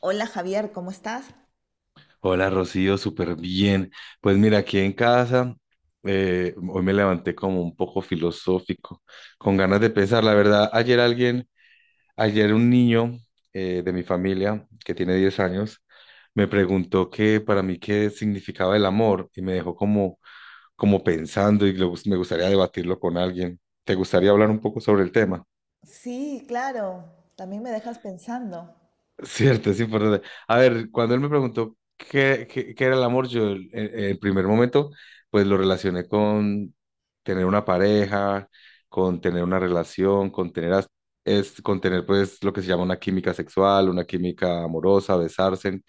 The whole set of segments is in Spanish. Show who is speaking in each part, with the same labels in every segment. Speaker 1: Hola Javier, ¿cómo estás?
Speaker 2: Hola Rocío, súper bien. Pues mira, aquí en casa, hoy me levanté como un poco filosófico, con ganas de pensar. La verdad, ayer un niño de mi familia, que tiene 10 años, me preguntó que para mí qué significaba el amor y me dejó como pensando y me gustaría debatirlo con alguien. ¿Te gustaría hablar un poco sobre el tema?
Speaker 1: Sí, claro, también me dejas pensando.
Speaker 2: Cierto, es importante. A ver, cuando él me preguntó qué era el amor, en el primer momento, pues lo relacioné con tener una pareja, con tener una relación, con tener pues lo que se llama una química sexual, una química amorosa, besarse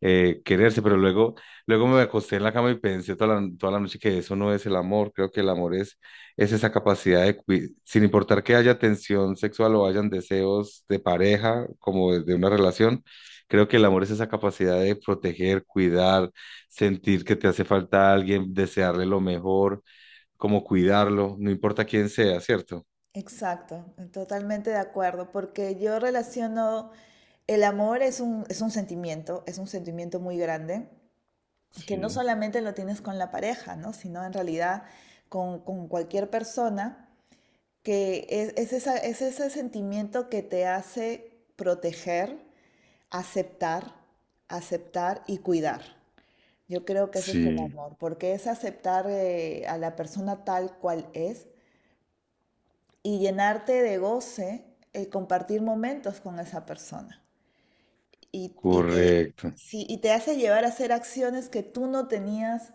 Speaker 2: eh, quererse, pero luego me acosté en la cama y pensé toda la noche que eso no es el amor, creo que es esa capacidad de sin importar que haya tensión sexual o hayan deseos de pareja, como de una relación, creo que el amor es esa capacidad de proteger, cuidar, sentir que te hace falta a alguien, desearle lo mejor, como cuidarlo, no importa quién sea, ¿cierto?
Speaker 1: Exacto, totalmente de acuerdo, porque yo relaciono el amor es un sentimiento, es un sentimiento muy grande, que no
Speaker 2: Sí,
Speaker 1: solamente lo tienes con la pareja, ¿no? Sino en realidad con cualquier persona, que es ese sentimiento que te hace proteger, aceptar, aceptar y cuidar. Yo creo que ese es el
Speaker 2: sí.
Speaker 1: amor, porque es aceptar a la persona tal cual es y llenarte de goce el compartir momentos con esa persona. Y, y te,
Speaker 2: Correcto.
Speaker 1: sí, y te hace llevar a hacer acciones que tú no tenías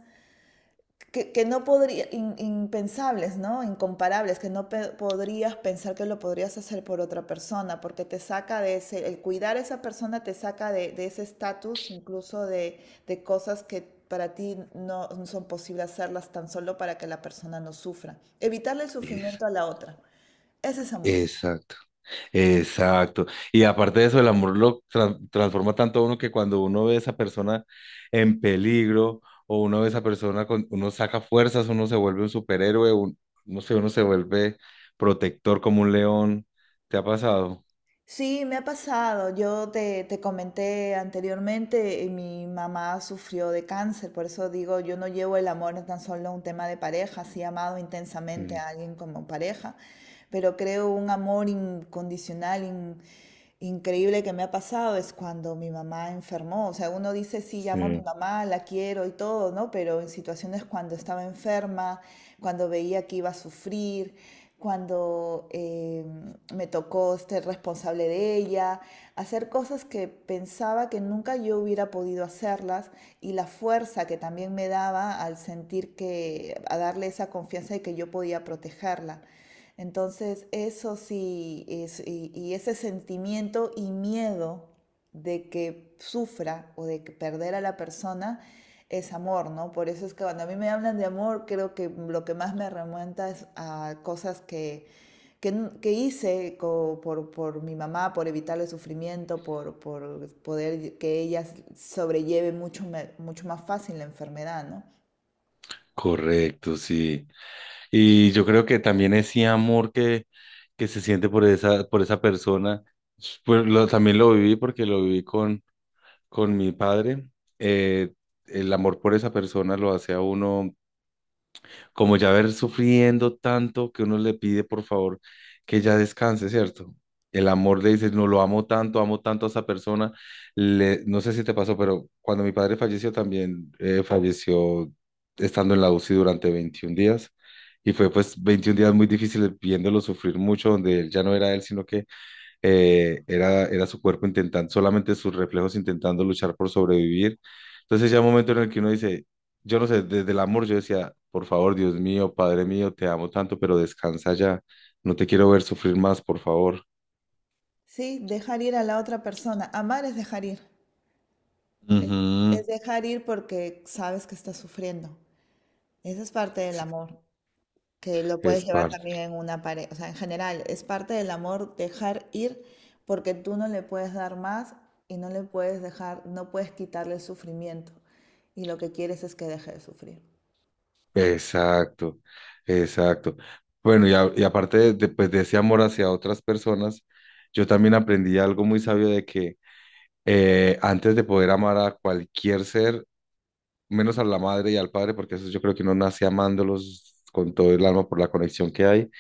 Speaker 1: que no podría, in- impensables, ¿no? Incomparables, que no pe- podrías pensar que lo podrías hacer por otra persona, porque te saca de ese, el cuidar a esa persona te saca de ese estatus, incluso de cosas que para ti no son posibles hacerlas tan solo para que la persona no sufra. Evitarle el
Speaker 2: Es-
Speaker 1: sufrimiento a la otra. Ese es amor.
Speaker 2: Exacto. Exacto. Y aparte de eso, el amor lo transforma tanto a uno que cuando uno ve a esa persona en peligro o uno ve a esa persona, uno saca fuerzas, uno se vuelve un superhéroe, no sé, uno se vuelve protector como un león. ¿Te ha pasado?
Speaker 1: Sí, me ha pasado. Te comenté anteriormente, mi mamá sufrió de cáncer, por eso digo, yo no llevo el amor tan solo a un tema de pareja, sí he amado intensamente
Speaker 2: Mm,
Speaker 1: a alguien como pareja, pero creo un amor incondicional, increíble que me ha pasado es cuando mi mamá enfermó. O sea, uno dice, sí, llamo a mi
Speaker 2: sí.
Speaker 1: mamá, la quiero y todo, ¿no? Pero en situaciones cuando estaba enferma, cuando veía que iba a sufrir, cuando... me tocó ser responsable de ella, hacer cosas que pensaba que nunca yo hubiera podido hacerlas y la fuerza que también me daba al sentir que, a darle esa confianza de que yo podía protegerla. Entonces, eso sí, es ese sentimiento y miedo de que sufra o de que perder a la persona, es amor, ¿no? Por eso es que cuando a mí me hablan de amor, creo que lo que más me remonta es a cosas que, que hice por mi mamá, por evitarle sufrimiento, por poder que ella sobrelleve mucho más fácil la enfermedad, ¿no?
Speaker 2: Correcto, sí. Y yo creo que también ese amor que se siente por por esa persona, pues también lo viví porque lo viví con mi padre, eh, el amor por esa persona lo hace a uno como ya ver sufriendo tanto que uno le pide por favor que ya descanse, ¿cierto? El amor le dice, no lo amo tanto a esa persona. No sé si te pasó, pero cuando mi padre falleció también falleció estando en la UCI durante 21 días. Y fue pues 21 días muy difíciles viéndolo sufrir mucho, donde él ya no era él, sino que era su cuerpo intentando, solamente sus reflejos intentando luchar por sobrevivir. Entonces ya un momento en el que uno dice, yo no sé, desde el amor yo decía, por favor, Dios mío, Padre mío, te amo tanto, pero descansa ya, no te quiero ver sufrir más, por favor.
Speaker 1: Sí, dejar ir a la otra persona. Amar es dejar ir. Es,
Speaker 2: Ujú.
Speaker 1: es dejar ir porque sabes que está sufriendo. Esa es parte del amor. Que lo puedes
Speaker 2: Es
Speaker 1: llevar también
Speaker 2: parte.
Speaker 1: en una pareja. O sea, en general, es parte del amor dejar ir porque tú no le puedes dar más y no le puedes dejar, no puedes quitarle el sufrimiento. Y lo que quieres es que deje de sufrir.
Speaker 2: Exacto, exacto. Bueno, y aparte pues, de ese amor hacia otras personas, yo también aprendí algo muy sabio de que antes de poder amar a cualquier ser, menos a la madre y al padre, porque eso yo creo que uno nace amándolos con todo el alma por la conexión que hay.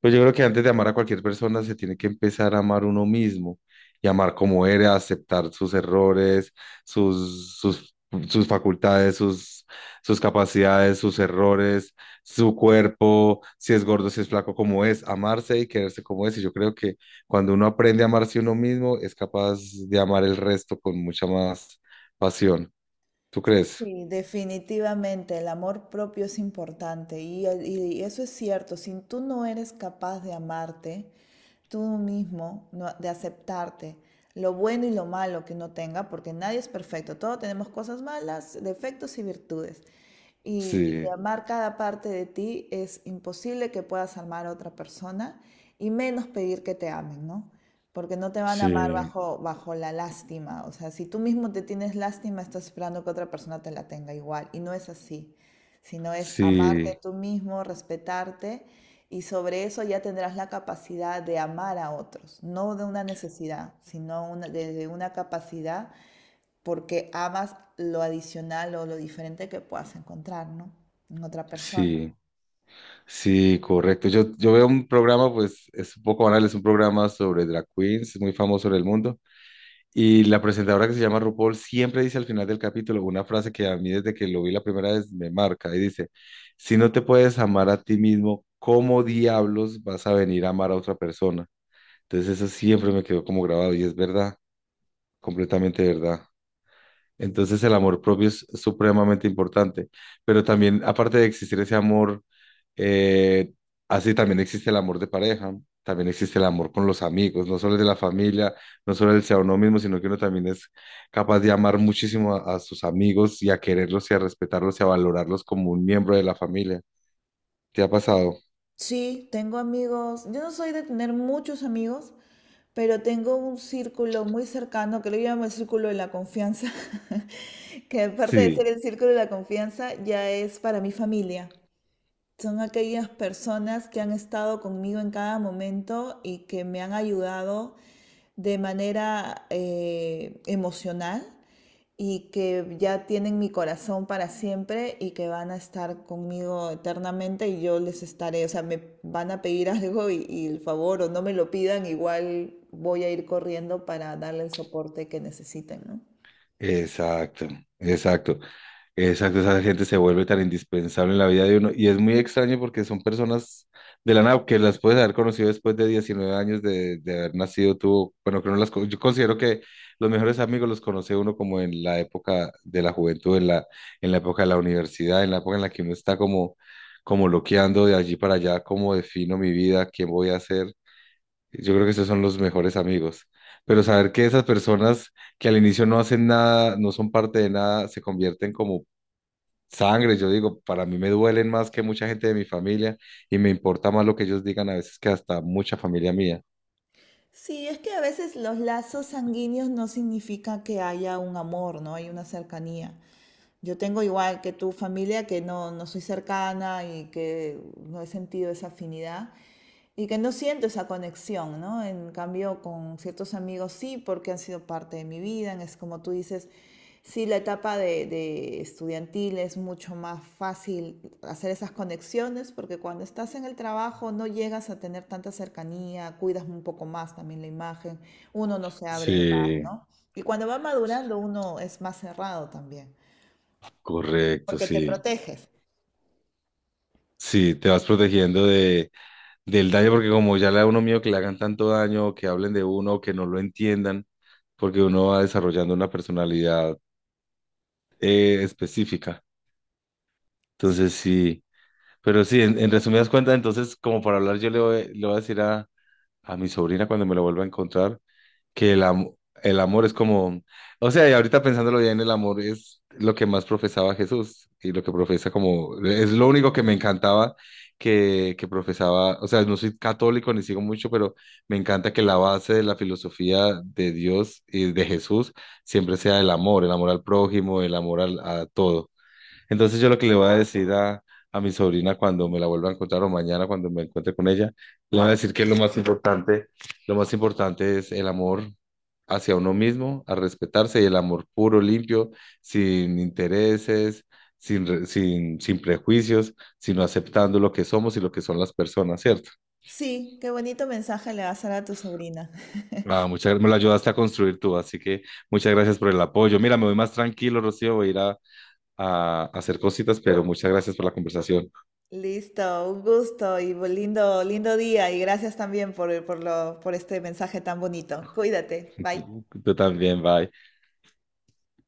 Speaker 2: Pero yo creo que antes de amar a cualquier persona se tiene que empezar a amar uno mismo y amar como eres, aceptar sus errores, sus, sus, sus facultades, sus capacidades, sus errores, su cuerpo, si es gordo, si es flaco, como es, amarse y quererse como es. Y yo creo que cuando uno aprende a amarse uno mismo, es capaz de amar el resto con mucha más pasión. ¿Tú crees?
Speaker 1: Sí, definitivamente el amor propio es importante y, y eso es cierto, si tú no eres capaz de amarte tú mismo, de aceptarte lo bueno y lo malo que no tenga, porque nadie es perfecto, todos tenemos cosas malas, defectos y virtudes. Y
Speaker 2: Sí.
Speaker 1: amar cada parte de ti es imposible que puedas amar a otra persona y menos pedir que te amen, ¿no? Porque no te van a
Speaker 2: Sí,
Speaker 1: amar bajo la lástima. O sea, si tú mismo te tienes lástima, estás esperando que otra persona te la tenga igual. Y no es así, sino es amarte
Speaker 2: sí,
Speaker 1: tú mismo, respetarte y sobre eso ya tendrás la capacidad de amar a otros. No de una necesidad, desde una capacidad porque amas lo adicional o lo diferente que puedas encontrar, ¿no? En otra persona.
Speaker 2: sí, sí, correcto. Yo veo un programa, pues es un poco banal, es un programa sobre drag queens, muy famoso en el mundo. Y la presentadora que se llama RuPaul siempre dice al final del capítulo una frase que a mí desde que lo vi la primera vez me marca y dice, si no te puedes amar a ti mismo, ¿cómo diablos vas a venir a amar a otra persona? Entonces eso siempre me quedó como grabado y es verdad, completamente verdad. Entonces el amor propio es supremamente importante, pero también aparte de existir ese amor, eh, así también existe el amor de pareja, también existe el amor con los amigos, no solo el de la familia, no solo el sea uno mismo, sino que uno también es capaz de amar muchísimo a sus amigos y a quererlos y a respetarlos y a valorarlos como un miembro de la familia. ¿Te ha pasado?
Speaker 1: Sí, tengo amigos. Yo no soy de tener muchos amigos, pero tengo un círculo muy cercano que lo llamo el círculo de la confianza, que aparte de ser
Speaker 2: Sí,
Speaker 1: el círculo de la confianza, ya es para mi familia, son aquellas personas que han estado conmigo en cada momento y que me han ayudado de manera emocional y que ya tienen mi corazón para siempre y que van a estar conmigo eternamente y yo les estaré, o sea, me van a pedir algo y el favor o no me lo pidan, igual voy a ir corriendo para darle el soporte que necesiten, ¿no?
Speaker 2: exacto, exacto. Exacto, esa gente se vuelve tan indispensable en la vida de uno y es muy extraño porque son personas de la nada que las puedes haber conocido después de 19 años de haber nacido tú. Bueno, que no las, yo considero que los mejores amigos los conoce uno como en la época de la juventud, en la época de la universidad, en la época en la que uno está como loqueando de allí para allá, cómo defino mi vida, quién voy a ser. Yo creo que esos son los mejores amigos. Pero saber que esas personas que al inicio no hacen nada, no son parte de nada, se convierten como sangre, yo digo, para mí me duelen más que mucha gente de mi familia y me importa más lo que ellos digan a veces que hasta mucha familia mía.
Speaker 1: Sí, es que a veces los lazos sanguíneos no significa que haya un amor, ¿no? Hay una cercanía. Yo tengo igual que tu familia que no, no soy cercana y que no he sentido esa afinidad, y que no siento esa conexión, ¿no? En cambio, con ciertos amigos sí, porque han sido parte de mi vida. Es como tú dices, sí, la etapa de estudiantil es mucho más fácil hacer esas conexiones, porque cuando estás en el trabajo no llegas a tener tanta cercanía, cuidas un poco más también la imagen, uno no se abre más,
Speaker 2: Sí,
Speaker 1: ¿no? Y cuando va madurando uno es más cerrado también,
Speaker 2: correcto,
Speaker 1: porque te
Speaker 2: sí.
Speaker 1: proteges.
Speaker 2: Sí, te vas protegiendo del daño porque como ya le da uno miedo que le hagan tanto daño, o que hablen de uno, o que no lo entiendan, porque uno va desarrollando una personalidad específica. Entonces, en resumidas cuentas, entonces, como para hablar, le voy a decir a mi sobrina cuando me la vuelva a encontrar que el amor es como, o sea, y ahorita pensándolo bien, el amor es lo que más profesaba Jesús y lo que profesa como, es lo único que me encantaba que profesaba, o sea, no soy católico ni sigo mucho, pero me encanta que la base de la filosofía de Dios y de Jesús siempre sea el amor al prójimo, el amor a todo. Entonces yo lo que le voy a decir a mi sobrina cuando me la vuelva a encontrar o mañana cuando me encuentre con ella, le voy a decir que lo más importante es el amor hacia uno mismo, a respetarse y el amor puro, limpio, sin intereses, sin prejuicios, sino aceptando lo que somos y lo que son las personas, ¿cierto?
Speaker 1: Sí, qué bonito mensaje le vas a dar a tu sobrina.
Speaker 2: Ah, muchas gracias, me lo ayudaste a construir tú, así que muchas gracias por el apoyo. Mira, me voy más tranquilo, Rocío, voy a ir a hacer cositas, pero muchas gracias por la conversación.
Speaker 1: Listo, un gusto y lindo, lindo día y gracias también por este mensaje tan bonito. Cuídate, bye.
Speaker 2: Tú, también, bye.